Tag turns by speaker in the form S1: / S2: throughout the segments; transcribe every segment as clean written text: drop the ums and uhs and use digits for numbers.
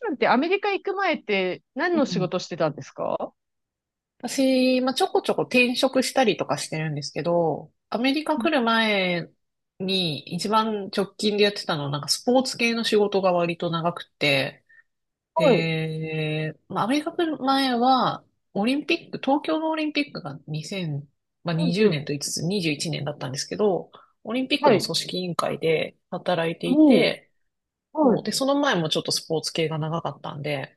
S1: さんってアメリカ行く前って何
S2: う
S1: の仕
S2: ん、
S1: 事してたんですか？
S2: 私、まあ、ちょこちょこ転職したりとかしてるんですけど、アメリカ来る前に一番直近でやってたのは、スポーツ系の仕事が割と長くて、
S1: はい。
S2: で、まあ、アメリカ来る前は、オリンピック、東京のオリンピックが2 0まあ、
S1: う
S2: 20
S1: んう
S2: 年
S1: ん。
S2: と言いつつ21年だったんですけど、オリンピック
S1: は
S2: の
S1: い。
S2: 組織委員会で働いてい
S1: も
S2: て、
S1: う、はい。
S2: で、その前もちょっとスポーツ系が長かったんで、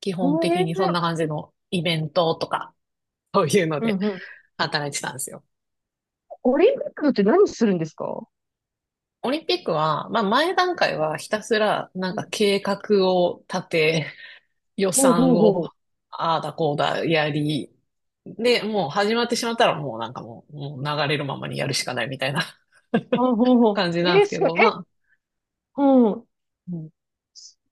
S2: 基
S1: え
S2: 本的
S1: え
S2: にそん
S1: ー。
S2: な感じのイベントとか、そういうの
S1: う
S2: で
S1: んうん。
S2: 働いてたんですよ。
S1: オリンピックって何するんですか？
S2: オリンピックは、まあ前段階
S1: う
S2: はひたすら
S1: んうん。
S2: 計画を立て、予
S1: ほうほ
S2: 算
S1: うほ
S2: を
S1: う。
S2: ああだこうだやり、で、もう始まってしまったらもうなんかもう、もう流れるままにやるしかないみたいな
S1: あ、ほうほう。
S2: 感じ
S1: え
S2: なんで
S1: ー、
S2: す
S1: す
S2: け
S1: ごい。
S2: ど、
S1: え、
S2: まあ、
S1: うん。
S2: うん。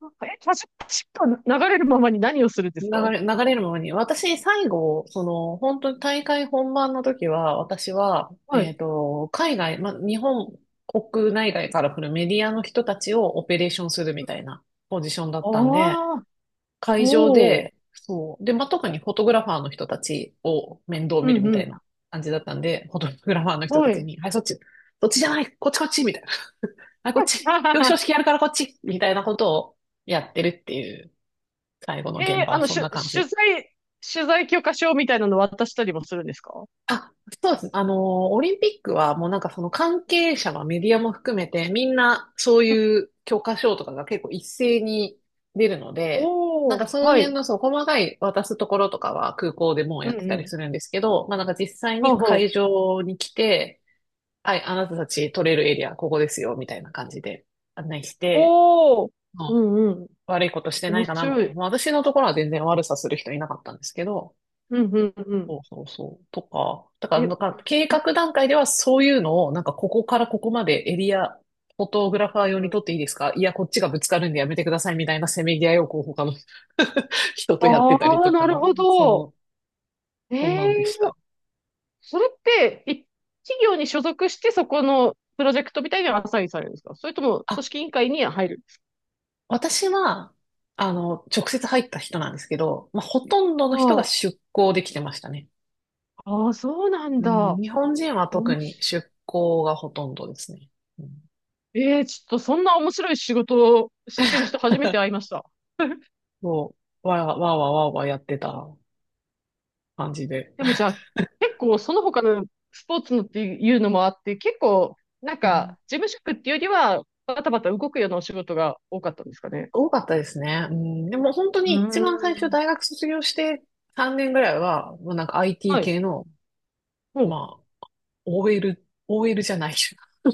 S1: なんか、パシパッと流れるままに何をするんですか？
S2: 流れるものに。私、最後、その、本当に大会本番の時は、私は、
S1: はい。
S2: 海外、ま、日本国内外から来るメディアの人たちをオペレーションするみたいなポジションだったんで、
S1: ああ、
S2: 会場
S1: おお。
S2: で、そう。で、まあ、特にフォトグラファーの人たちを面倒
S1: う
S2: 見る
S1: んう
S2: みたい
S1: ん。
S2: な感じだったんで、フォトグラファーの人
S1: は
S2: たち
S1: い。
S2: に、はい、そっち、そっちじゃない、こっちこっち、みたいな。はい、こっち、
S1: はは
S2: 表彰
S1: は。
S2: 式やるからこっち、みたいなことをやってるっていう、最後の
S1: へ
S2: 現
S1: えー。
S2: 場
S1: あ
S2: は
S1: の、
S2: そ
S1: し
S2: ん
S1: ゅ、
S2: な
S1: 取
S2: 感じ。
S1: 材、取材許可証みたいなの渡したりもするんですか？
S2: あ、そうですね。あの、オリンピックはもうその関係者はメディアも含めてみんなそういう教科書とかが結構一斉に出るので、
S1: おー、
S2: その
S1: は
S2: 辺
S1: い。
S2: のそう細かい渡すところとかは空港でもう
S1: う
S2: や
S1: ん
S2: って
S1: う
S2: たり
S1: ん。
S2: するんですけど、まあ実際
S1: は
S2: に
S1: んは
S2: 会
S1: ん。
S2: 場に来て、はい、あなたたち取れるエリアここですよ、みたいな感じで案内して、
S1: おー、
S2: うん。
S1: うんうん。
S2: 悪いことしてな
S1: 面
S2: いかな。まあ
S1: 白い。
S2: 私のところは全然悪さする人いなかったんですけど、
S1: うんうんうん。
S2: そうそうそう。とか、だから
S1: え、
S2: 計画段階ではそういうのを、なんかここからここまでエリア、フォトグラファー用
S1: う
S2: に
S1: ん、
S2: 撮っていいですか、いや、こっちがぶつかるんでやめてくださいみたいな せめぎ合いをこう他の 人とやって
S1: あ
S2: たりと
S1: あ、なる
S2: か、
S1: ほど。
S2: そう、そんなんでし
S1: ええ。
S2: た。
S1: それって、企業に所属してそこのプロジェクトみたいにアサインされるんですか？それとも組
S2: あ、
S1: 織委員会に入るんですか？
S2: 私は、あの、直接入った人なんですけど、まあ、ほとんどの人が
S1: あ
S2: 出向できてましたね。
S1: あー、そうなん
S2: うん、
S1: だ。
S2: 日本人は特
S1: 面
S2: に
S1: 白い。
S2: 出向がほとんどですね。うん、
S1: ええ、ちょっとそんな面白い仕事をしてる人初めて会いました。
S2: そう、わーわーわーわーわーやってた感じで。
S1: でもじゃあ、結構その他のスポーツのっていうのもあって、結構、なん
S2: うん、
S1: か、事務職っていうよりは、バタバタ動くようなお仕事が多かったんですかね？
S2: 多かったですね。うん、でも本当
S1: うー
S2: に一番最初
S1: ん。
S2: 大学卒業して3年ぐらいは、もうIT
S1: はい。
S2: 系の、
S1: ほう。
S2: まあ、OL じゃない。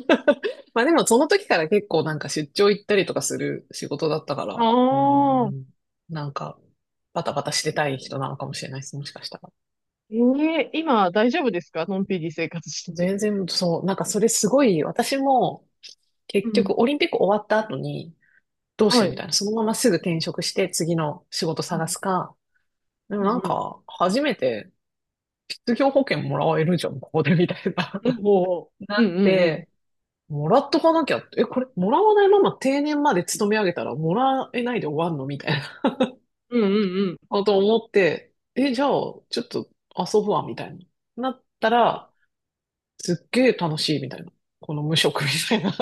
S2: まあでもその時から結構出張行ったりとかする仕事だったか
S1: あ
S2: ら、う
S1: あ、
S2: ん、なんかバタバタしてたい人なのかもしれないです、もしかしたら。
S1: ええ、今大丈夫ですか？のんびり生活してて。
S2: 全然そう、なんかそれすごい、私も
S1: う
S2: 結局
S1: ん。
S2: オリンピック終わった後にどうし
S1: は
S2: よう
S1: い。う
S2: みたい
S1: ん
S2: な、そのまますぐ転職して次の仕事探すか、でも、
S1: うん。うん、
S2: 初めて失業保険もらえるじゃん、ここでみたいな。
S1: うん。 ほ
S2: な
S1: う。うん
S2: っ
S1: うんうん。
S2: て、もらっとかなきゃって、え、これ、もらわないまま定年まで勤め上げたらもらえないで終わんのみたいな
S1: うんうん
S2: こと思って、え、じゃあ、ちょっと遊ぶわ、みたいな。なったら、すっげえ楽しい、みたいな。この無職みたいな。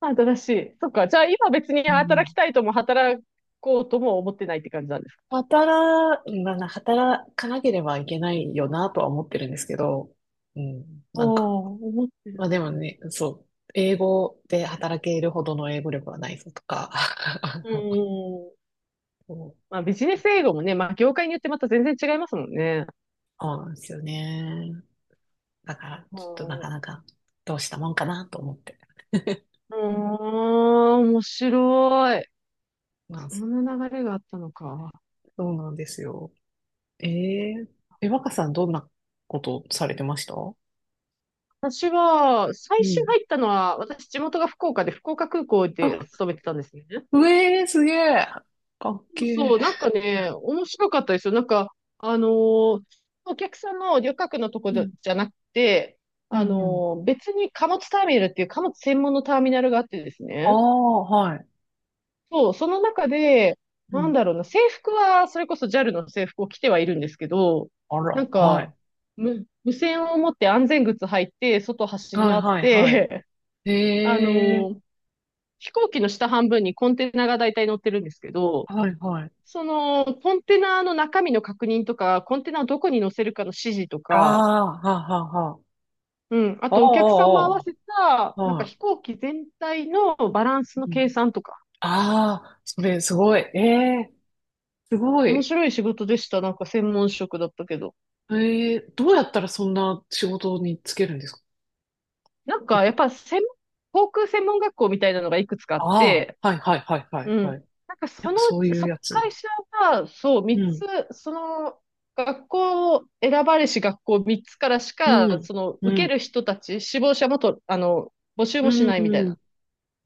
S1: うん。新しい。そっか。じゃあ今別に
S2: う
S1: 働き
S2: ん。
S1: たいとも働こうとも思ってないって感じなんですか？
S2: まあな、働かなければいけないよなとは思ってるんですけど、うん、
S1: ああ、
S2: なんか
S1: 思ってる
S2: まあで
S1: ね。
S2: もね、そう。英語で働けるほどの英語力はないぞとか。
S1: う ん。
S2: そう。
S1: まあ、ビジネス英語もね、まあ、業界によってまた全然違いますもんね。
S2: そうなんですよね。だから、
S1: う
S2: ちょっとな
S1: ん。
S2: か
S1: う
S2: なかどうしたもんかなと思って。
S1: ーん、面白い。
S2: まあ、
S1: そ
S2: そ
S1: んな流れがあったのか。
S2: うなんですよ。えー、え、若さんどんなことされてましたう
S1: 私は、最初
S2: ん。
S1: 入ったのは、私、地元が福岡で、福岡空港
S2: あ、
S1: で勤めてたんですね。
S2: うえー、すげえ。かっけ
S1: そうそ
S2: え。
S1: う、なんかね、面白かったですよ。なんか、あのー、お客さんの旅客のとこ
S2: う
S1: じ
S2: ん、
S1: ゃなくて、
S2: う
S1: あ
S2: ん、うん。
S1: のー、別に貨物ターミナルっていう貨物専門のターミナルがあってです
S2: あ
S1: ね。
S2: あ、はい。
S1: そう、その中で、
S2: う
S1: なん
S2: ん。
S1: だろうな、制服は、それこそ JAL の制服を着てはいるんですけど、
S2: あ
S1: な
S2: ら、
S1: ん
S2: はい。
S1: か、無線を持って安全靴履いて、外走り
S2: はい、
S1: 回っ
S2: はい、はい。
S1: て、あ
S2: ええ。
S1: の、飛行機の下半分にコンテナが大体乗ってるんですけど、
S2: はい、はい。
S1: その、コンテナの中身の確認とか、コンテナをどこに乗せるかの指示と
S2: あ
S1: か、
S2: あ、はあ、はあ、はあ。
S1: うん、あ
S2: あ
S1: とお客さんも合わ
S2: あ、
S1: せた、
S2: ああ、
S1: なんか
S2: は
S1: 飛行機全体のバランス
S2: い。
S1: の
S2: う
S1: 計
S2: ん。
S1: 算とか、
S2: ああ、それすごい。ええ、すご
S1: 面
S2: い。
S1: 白い仕事でした。なんか専門職だったけど。
S2: ええ、どうやったらそんな仕事に就けるんですか？
S1: なんか、やっぱ専門、航空専門学校みたいなのがいくつかあっ
S2: あ
S1: て、
S2: あ、はいはいはいは
S1: う
S2: い
S1: ん。
S2: はい。
S1: なんか
S2: や
S1: そ
S2: っぱ
S1: の
S2: そ
S1: う
S2: う
S1: ち、
S2: いうやつ。
S1: 会社が、そう、
S2: う
S1: 三
S2: ん、
S1: つ、その、学校を選ばれし学校三つからし
S2: う
S1: か、
S2: ん、
S1: その、
S2: う
S1: 受け
S2: ん、
S1: る人たち、志望者もと、あの、募集もし
S2: うん、
S1: ないみたい
S2: う
S1: な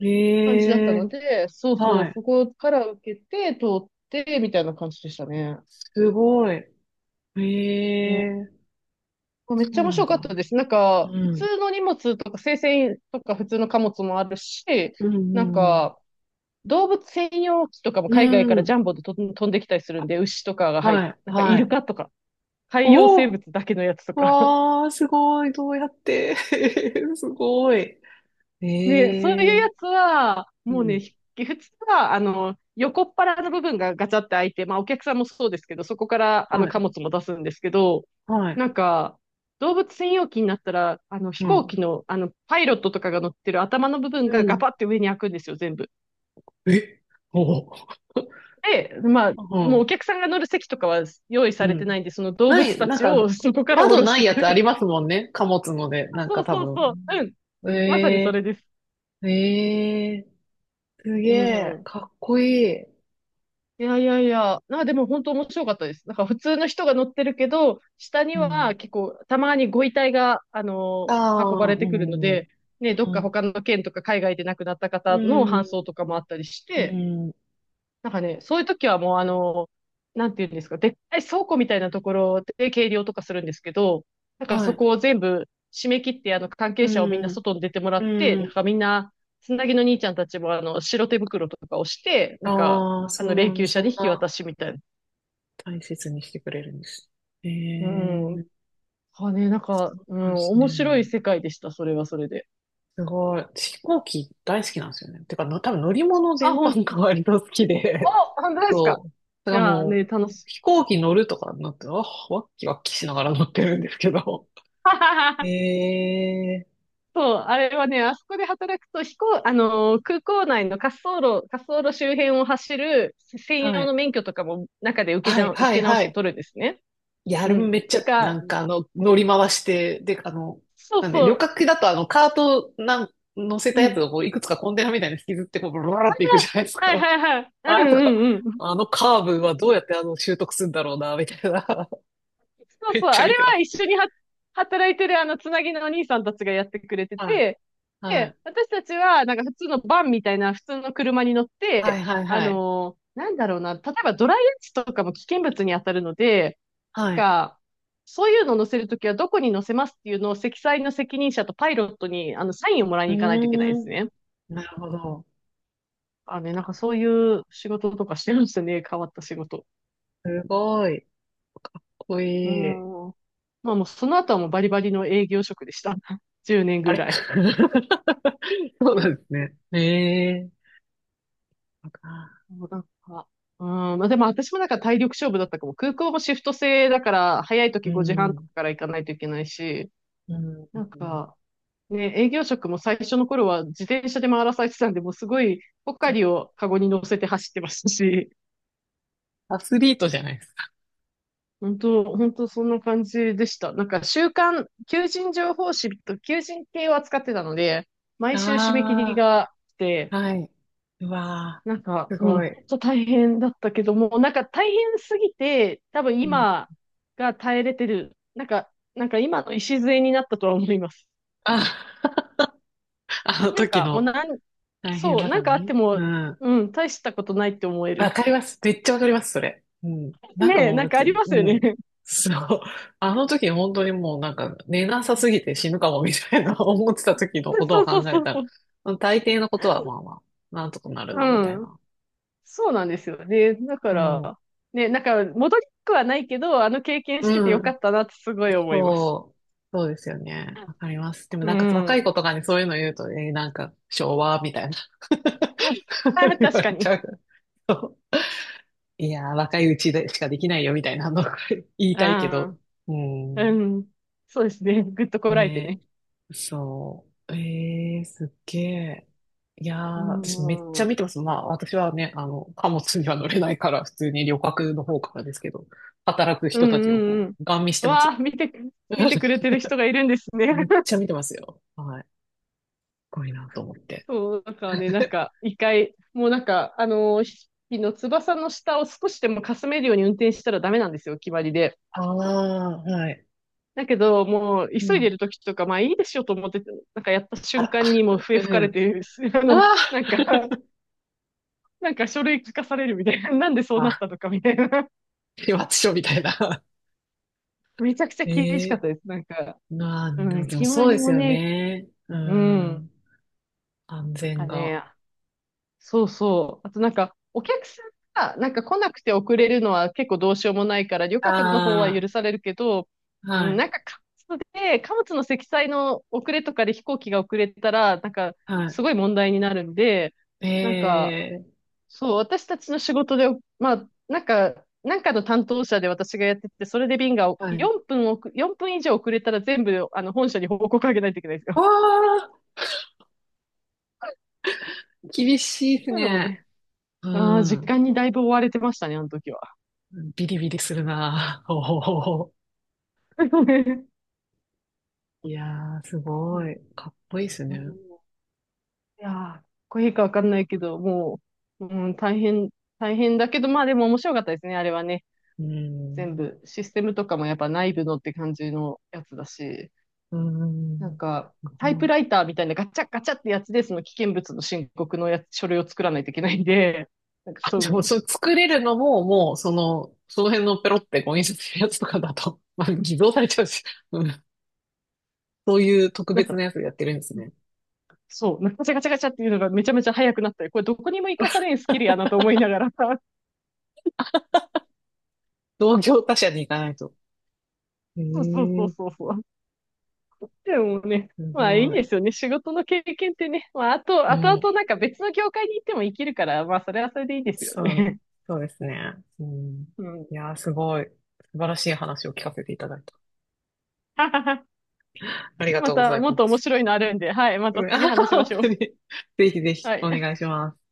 S2: ん。
S1: 感じだった
S2: ええ、
S1: ので、そうそ
S2: は
S1: う、
S2: い。
S1: そこから受けて、通って、みたいな感じでしたね。
S2: すごい。え
S1: う
S2: え、
S1: ん、め
S2: そ
S1: っち
S2: う
S1: ゃ面
S2: なん
S1: 白
S2: だ。
S1: かったです。なんか、普
S2: うん、
S1: 通の荷物とか、生鮮とか普通の貨物もあるし、
S2: うん、
S1: なん
S2: うん、
S1: か、動物専用機とかも
S2: う
S1: 海外からジ
S2: ん。
S1: ャンボでと飛んできたりするんで、牛とかが入っ、
S2: はい、
S1: なんかイ
S2: は
S1: ル
S2: い。
S1: カとか、
S2: お
S1: 海洋生
S2: お、
S1: 物だけのやつとか。
S2: わあ、すごい。どうやって すごい。え
S1: ね、そういう
S2: え。
S1: やつは、
S2: う
S1: もう
S2: ん。
S1: ね、普通は、あの、横っ腹の部分がガチャって開いて、まあお客さんもそうですけど、そこからあ
S2: は
S1: の
S2: い、
S1: 貨物も出すんですけど、
S2: はい、
S1: なんか、動物専用機になったら、あの飛
S2: う
S1: 行
S2: ん、
S1: 機の、あの、パイロットとかが乗ってる頭の部分
S2: う
S1: がガ
S2: ん。
S1: パって上に開くんですよ、全部。
S2: え、おお。
S1: で、まあ、
S2: う
S1: もう
S2: ん、
S1: お客さんが乗る席とかは用意
S2: う
S1: されてな
S2: ん。
S1: いんで、その動
S2: な
S1: 物
S2: い、
S1: たちを そこから降
S2: 窓
S1: ろし
S2: ない
S1: てく
S2: やつあ
S1: る。
S2: りますもんね。貨物ので、なん
S1: そ
S2: か
S1: う
S2: 多
S1: そう
S2: 分。
S1: そう。うん。まさにそ
S2: え
S1: れです。
S2: え。ええ。すげ
S1: う
S2: え、
S1: ん。
S2: かっこいい。
S1: いやいやいや。でも本当面白かったです。なんか普通の人が乗ってるけど、下
S2: う
S1: には
S2: ん。
S1: 結構たまにご遺体が、あの
S2: あ
S1: ー、運ば
S2: あ、
S1: れ
S2: う
S1: てくるの
S2: ん、うん、
S1: で、ね、どっか他の県とか海外で亡くなった
S2: う
S1: 方の
S2: ん、
S1: 搬送とかもあったりし
S2: う
S1: て、
S2: ん、
S1: なんかね、そういう時はもうあの、なんていうんですか、でっかい倉庫みたいなところで計量とかするんですけど、なんか
S2: は
S1: そ
S2: い、
S1: こを全部締め切って、あの、関
S2: う
S1: 係者をみんな
S2: ん、
S1: 外に出てもら
S2: う
S1: って、なん
S2: ん。
S1: かみんな、つなぎの兄ちゃんたちもあの、白手袋とかをして、なんか、
S2: ああ、
S1: あ
S2: そ
S1: の、
S2: う
S1: 霊
S2: なんだ、
S1: 柩車
S2: そ
S1: に
S2: ん
S1: 引き
S2: な
S1: 渡しみたいな。
S2: 大切にしてくれるんです。え
S1: うん。
S2: え。
S1: あね、なん
S2: そ
S1: か、
S2: う
S1: う
S2: なんで
S1: ん、
S2: すね。
S1: 面白い世界でした、それはそれで。
S2: すごい。飛行機大好きなんですよね。てか、の多分乗り物
S1: あ、
S2: 全
S1: ほ
S2: 般
S1: ん、
S2: が割と好き
S1: お、
S2: で、
S1: 本当 ですか？
S2: そう。だ
S1: い
S2: から
S1: やー
S2: も
S1: ね、楽
S2: う、
S1: しい。
S2: 飛行機乗るとかになって、あ、ワッキワッキしながら乗ってるんですけど。え え。
S1: そう、あれはね、あそこで働くと、あのー、空港内の滑走路、滑走路周辺を走る専
S2: は
S1: 用
S2: い。
S1: の免許とかも中で
S2: はい、
S1: 受
S2: はい、
S1: け直
S2: は
S1: して
S2: い。
S1: 取るんですね。
S2: いや、あれ
S1: う
S2: も
S1: ん。
S2: めっちゃ、
S1: なんか、
S2: 乗り回して、で、あの、
S1: そう
S2: なんで、
S1: そ
S2: 旅
S1: う、
S2: 客機だとあの、カートなん、乗せた
S1: う
S2: やつ
S1: ん。
S2: をこういくつかコンテナみたいに引きずって、こう、ブラブラっていくじゃないです
S1: あ、
S2: か。
S1: はいはいはい。
S2: あ
S1: う
S2: れと
S1: ん
S2: か、
S1: うんうん。
S2: あのカーブはどうやってあの、習得するんだろうな、みたいな。
S1: そ う
S2: め
S1: そ
S2: っ
S1: う、
S2: ちゃ
S1: あ
S2: 見
S1: れ
S2: てま
S1: は
S2: す。
S1: 一緒には働いてるあのつなぎのお兄さんたちがやってくれて
S2: はい、
S1: て、
S2: は
S1: で、
S2: い、
S1: 私たちはなんか普通のバンみたいな普通の車に乗っ
S2: はい、
S1: て、
S2: はい、
S1: あ
S2: はい。
S1: のー、なんだろうな、例えばドライアイスとかも危険物に当たるので、
S2: はい。
S1: か、そういうのを載せるときはどこに載せますっていうのを積載の責任者とパイロットにあのサインをもらい
S2: う
S1: に行かないといけないで
S2: ー
S1: す
S2: ん。
S1: ね。
S2: なるほど。
S1: あね、なんかそういう仕事とかしてるんですよね。変わった仕事。
S2: すごい。かっこ
S1: う
S2: いい。
S1: ん。まあもうその後はもうバリバリの営業職でした。10年
S2: あ
S1: ぐ
S2: れ、
S1: らい。
S2: そうなんで すね。ええー。
S1: もうなんか、うん、まあでも私もなんか体力勝負だったかも。空港もシフト制だから、早い
S2: う
S1: 時5時半とか
S2: ん。
S1: から行かないといけないし、
S2: うん。
S1: なん
S2: うん。
S1: か、ね、営業職も最初の頃は自転車で回らされてたんで、もうすごいポカリをカゴに乗せて走ってましたし、
S2: アスリートじゃないですか。
S1: 本当、本当そんな感じでした。なんか週刊、求人情報誌と求人系を扱ってたので、毎週締め切り
S2: あ
S1: が来
S2: あ、
S1: て、
S2: はい。うわ
S1: なん
S2: ー、
S1: か、
S2: す
S1: うん、
S2: ご
S1: 本
S2: い。
S1: 当大変だったけども、なんか大変すぎて、多分
S2: うん。
S1: 今が耐えれてる、なんか、なんか今の礎になったとは思います。
S2: あ、あの
S1: なん
S2: 時
S1: かもう
S2: の
S1: なん、
S2: 大変
S1: そう、
S2: だか
S1: なん
S2: ら
S1: かあって
S2: ね。
S1: も、
S2: うん。
S1: うん、大したことないって思え
S2: わ
S1: る。
S2: かります。めっちゃわかります、それ。うん。なんか
S1: ねえ、
S2: もう、
S1: な
S2: だ
S1: ん
S2: っ
S1: かあ
S2: て、
S1: ります
S2: う
S1: よね。
S2: ん。そう。あの時本当にもうなんか寝なさすぎて死ぬかもみたいな 思ってた時のことを
S1: そうそう
S2: 考え
S1: そうそ
S2: た
S1: う。
S2: ら、大抵のことはまあまあ、なんとかなるな、みたい
S1: うん。
S2: な。
S1: そうなんですよね。だか
S2: うん。
S1: ら、ね、なんか戻りたくはないけど、あの経験してて
S2: う
S1: よか
S2: ん。
S1: ったなってすごい思います。
S2: そう。そうですよね。わかります。でも
S1: う
S2: なんか若い子
S1: ん。
S2: とかにそういうの言うと、えーなんか昭和みたいな
S1: あ、
S2: 言
S1: 確
S2: われ
S1: か
S2: ち
S1: に。
S2: ゃう。そう。いやー、若いうちでしかできないよみたいなの 言いたいけ
S1: あ
S2: ど。う
S1: あ、う
S2: ん。
S1: ん。そうですね。ぐっとこらえて
S2: ね、
S1: ね。
S2: そう。えー、すっげえ。いやー、
S1: う
S2: 私めっちゃ
S1: ん。うん
S2: 見てます。まあ、私はね、あの、貨物には乗れないから、普通に旅客の方からですけど、働く
S1: う
S2: 人たちを
S1: んう
S2: こ
S1: ん。
S2: う、ガン見してます
S1: わあ、
S2: よ。
S1: 見てくれてる人がいるんですね。
S2: めっちゃ見てますよ。はい。すごいなと思って。
S1: そう、だからね、なん か、一回、もうなんか、あのー、ひの翼の下を少しでもかすめるように運転したらダメなんですよ、決まりで。
S2: ああ、はい。
S1: だけど、もう、
S2: う
S1: 急いで
S2: ん。
S1: る時とか、まあいいでしょと思って、なんかやった
S2: あ
S1: 瞬
S2: ら、
S1: 間にもう 笛
S2: う
S1: 吹かれ
S2: ん。
S1: て、あの、
S2: あ
S1: なんか、なんか書類書かされるみたいな、なんでそう
S2: あ、
S1: なった
S2: あ、
S1: のかみたいな。
S2: 始末書みたいな。
S1: め ちゃくちゃ
S2: え
S1: 厳しかっ
S2: え。
S1: たです。なんか、
S2: まあ、
S1: うん、
S2: でも
S1: 決ま
S2: そうで
S1: り
S2: す
S1: も
S2: よ
S1: ね、
S2: ね。う
S1: うん、
S2: ん。安
S1: なん
S2: 全
S1: か
S2: が。
S1: ね、そうそう。あとなんか、お客さんがなんか来なくて遅れるのは結構どうしようもないから、旅客の方は
S2: あ
S1: 許されるけど、
S2: あ、
S1: う
S2: は
S1: ん、
S2: い、
S1: なんか貨物で、貨物の積載の遅れとかで飛行機が遅れたら、なんかすごい
S2: は
S1: 問題になるんで、
S2: い。え
S1: なんか、
S2: え、
S1: そう、私たちの仕事で、まあ、なんか、なんかの担当者で私がやってて、それで便が
S2: はい。
S1: 4分以上遅れたら全部、あの、本社に報告あげないといけないんです
S2: わ
S1: よ。
S2: あ、厳しいです
S1: そういうのも
S2: ね。
S1: ね、
S2: う
S1: ああ、時
S2: ん。
S1: 間にだいぶ追われてましたね、あの時は。
S2: ビリビリするな。おお。いやー、す
S1: うん
S2: ごい。かっこいいです
S1: う
S2: ね。
S1: ん。いやー、かっこいいかわかんないけど、もう、うん、大変、大変だけど、まあでも面白かったですね、あれはね。
S2: うん。
S1: 全部、システムとかもやっぱ内部のって感じのやつだし、
S2: う
S1: なん
S2: ん。
S1: か、
S2: す
S1: タイ
S2: ご
S1: プ
S2: い。
S1: ライターみたいなガチャガチャってやつで、その危険物の申告のやつ、書類を作らないといけないんで、なんか
S2: あ、
S1: そ
S2: じゃあもう、
S1: う、
S2: それ作れるのも、もう、その、その辺のペロってこう印刷するやつとかだと、まあ、偽造されちゃうし、うん。そういう特
S1: なん
S2: 別な
S1: か、
S2: やつやってるんですね。
S1: そう、なんかガチャガチャガチャっていうのがめちゃめちゃ早くなったり、これどこにも活かされんスキルやなと思いながら、
S2: 同業他社に行かないと。え
S1: そうそうそう
S2: え、
S1: そうそう。でもね、
S2: す
S1: まあいい
S2: ごい。
S1: ですよね。仕事の経験ってね。まああと、
S2: う
S1: あとあ
S2: ん。
S1: となんか別の業界に行っても生きるから、まあそれはそれでいいですよ
S2: そう、
S1: ね。
S2: そうですね。うん。
S1: うん。
S2: いやー、すごい、素晴らしい話を聞かせていただいた。あり が
S1: ま
S2: とうござ
S1: た
S2: い
S1: もっ
S2: ま
S1: と面白い
S2: す。
S1: のあるんで、はい。また
S2: うん、あ
S1: 次
S2: はは
S1: 話しま
S2: 本
S1: しょ
S2: 当
S1: う。
S2: に。ぜひぜひ、
S1: は
S2: お
S1: い。
S2: 願いします。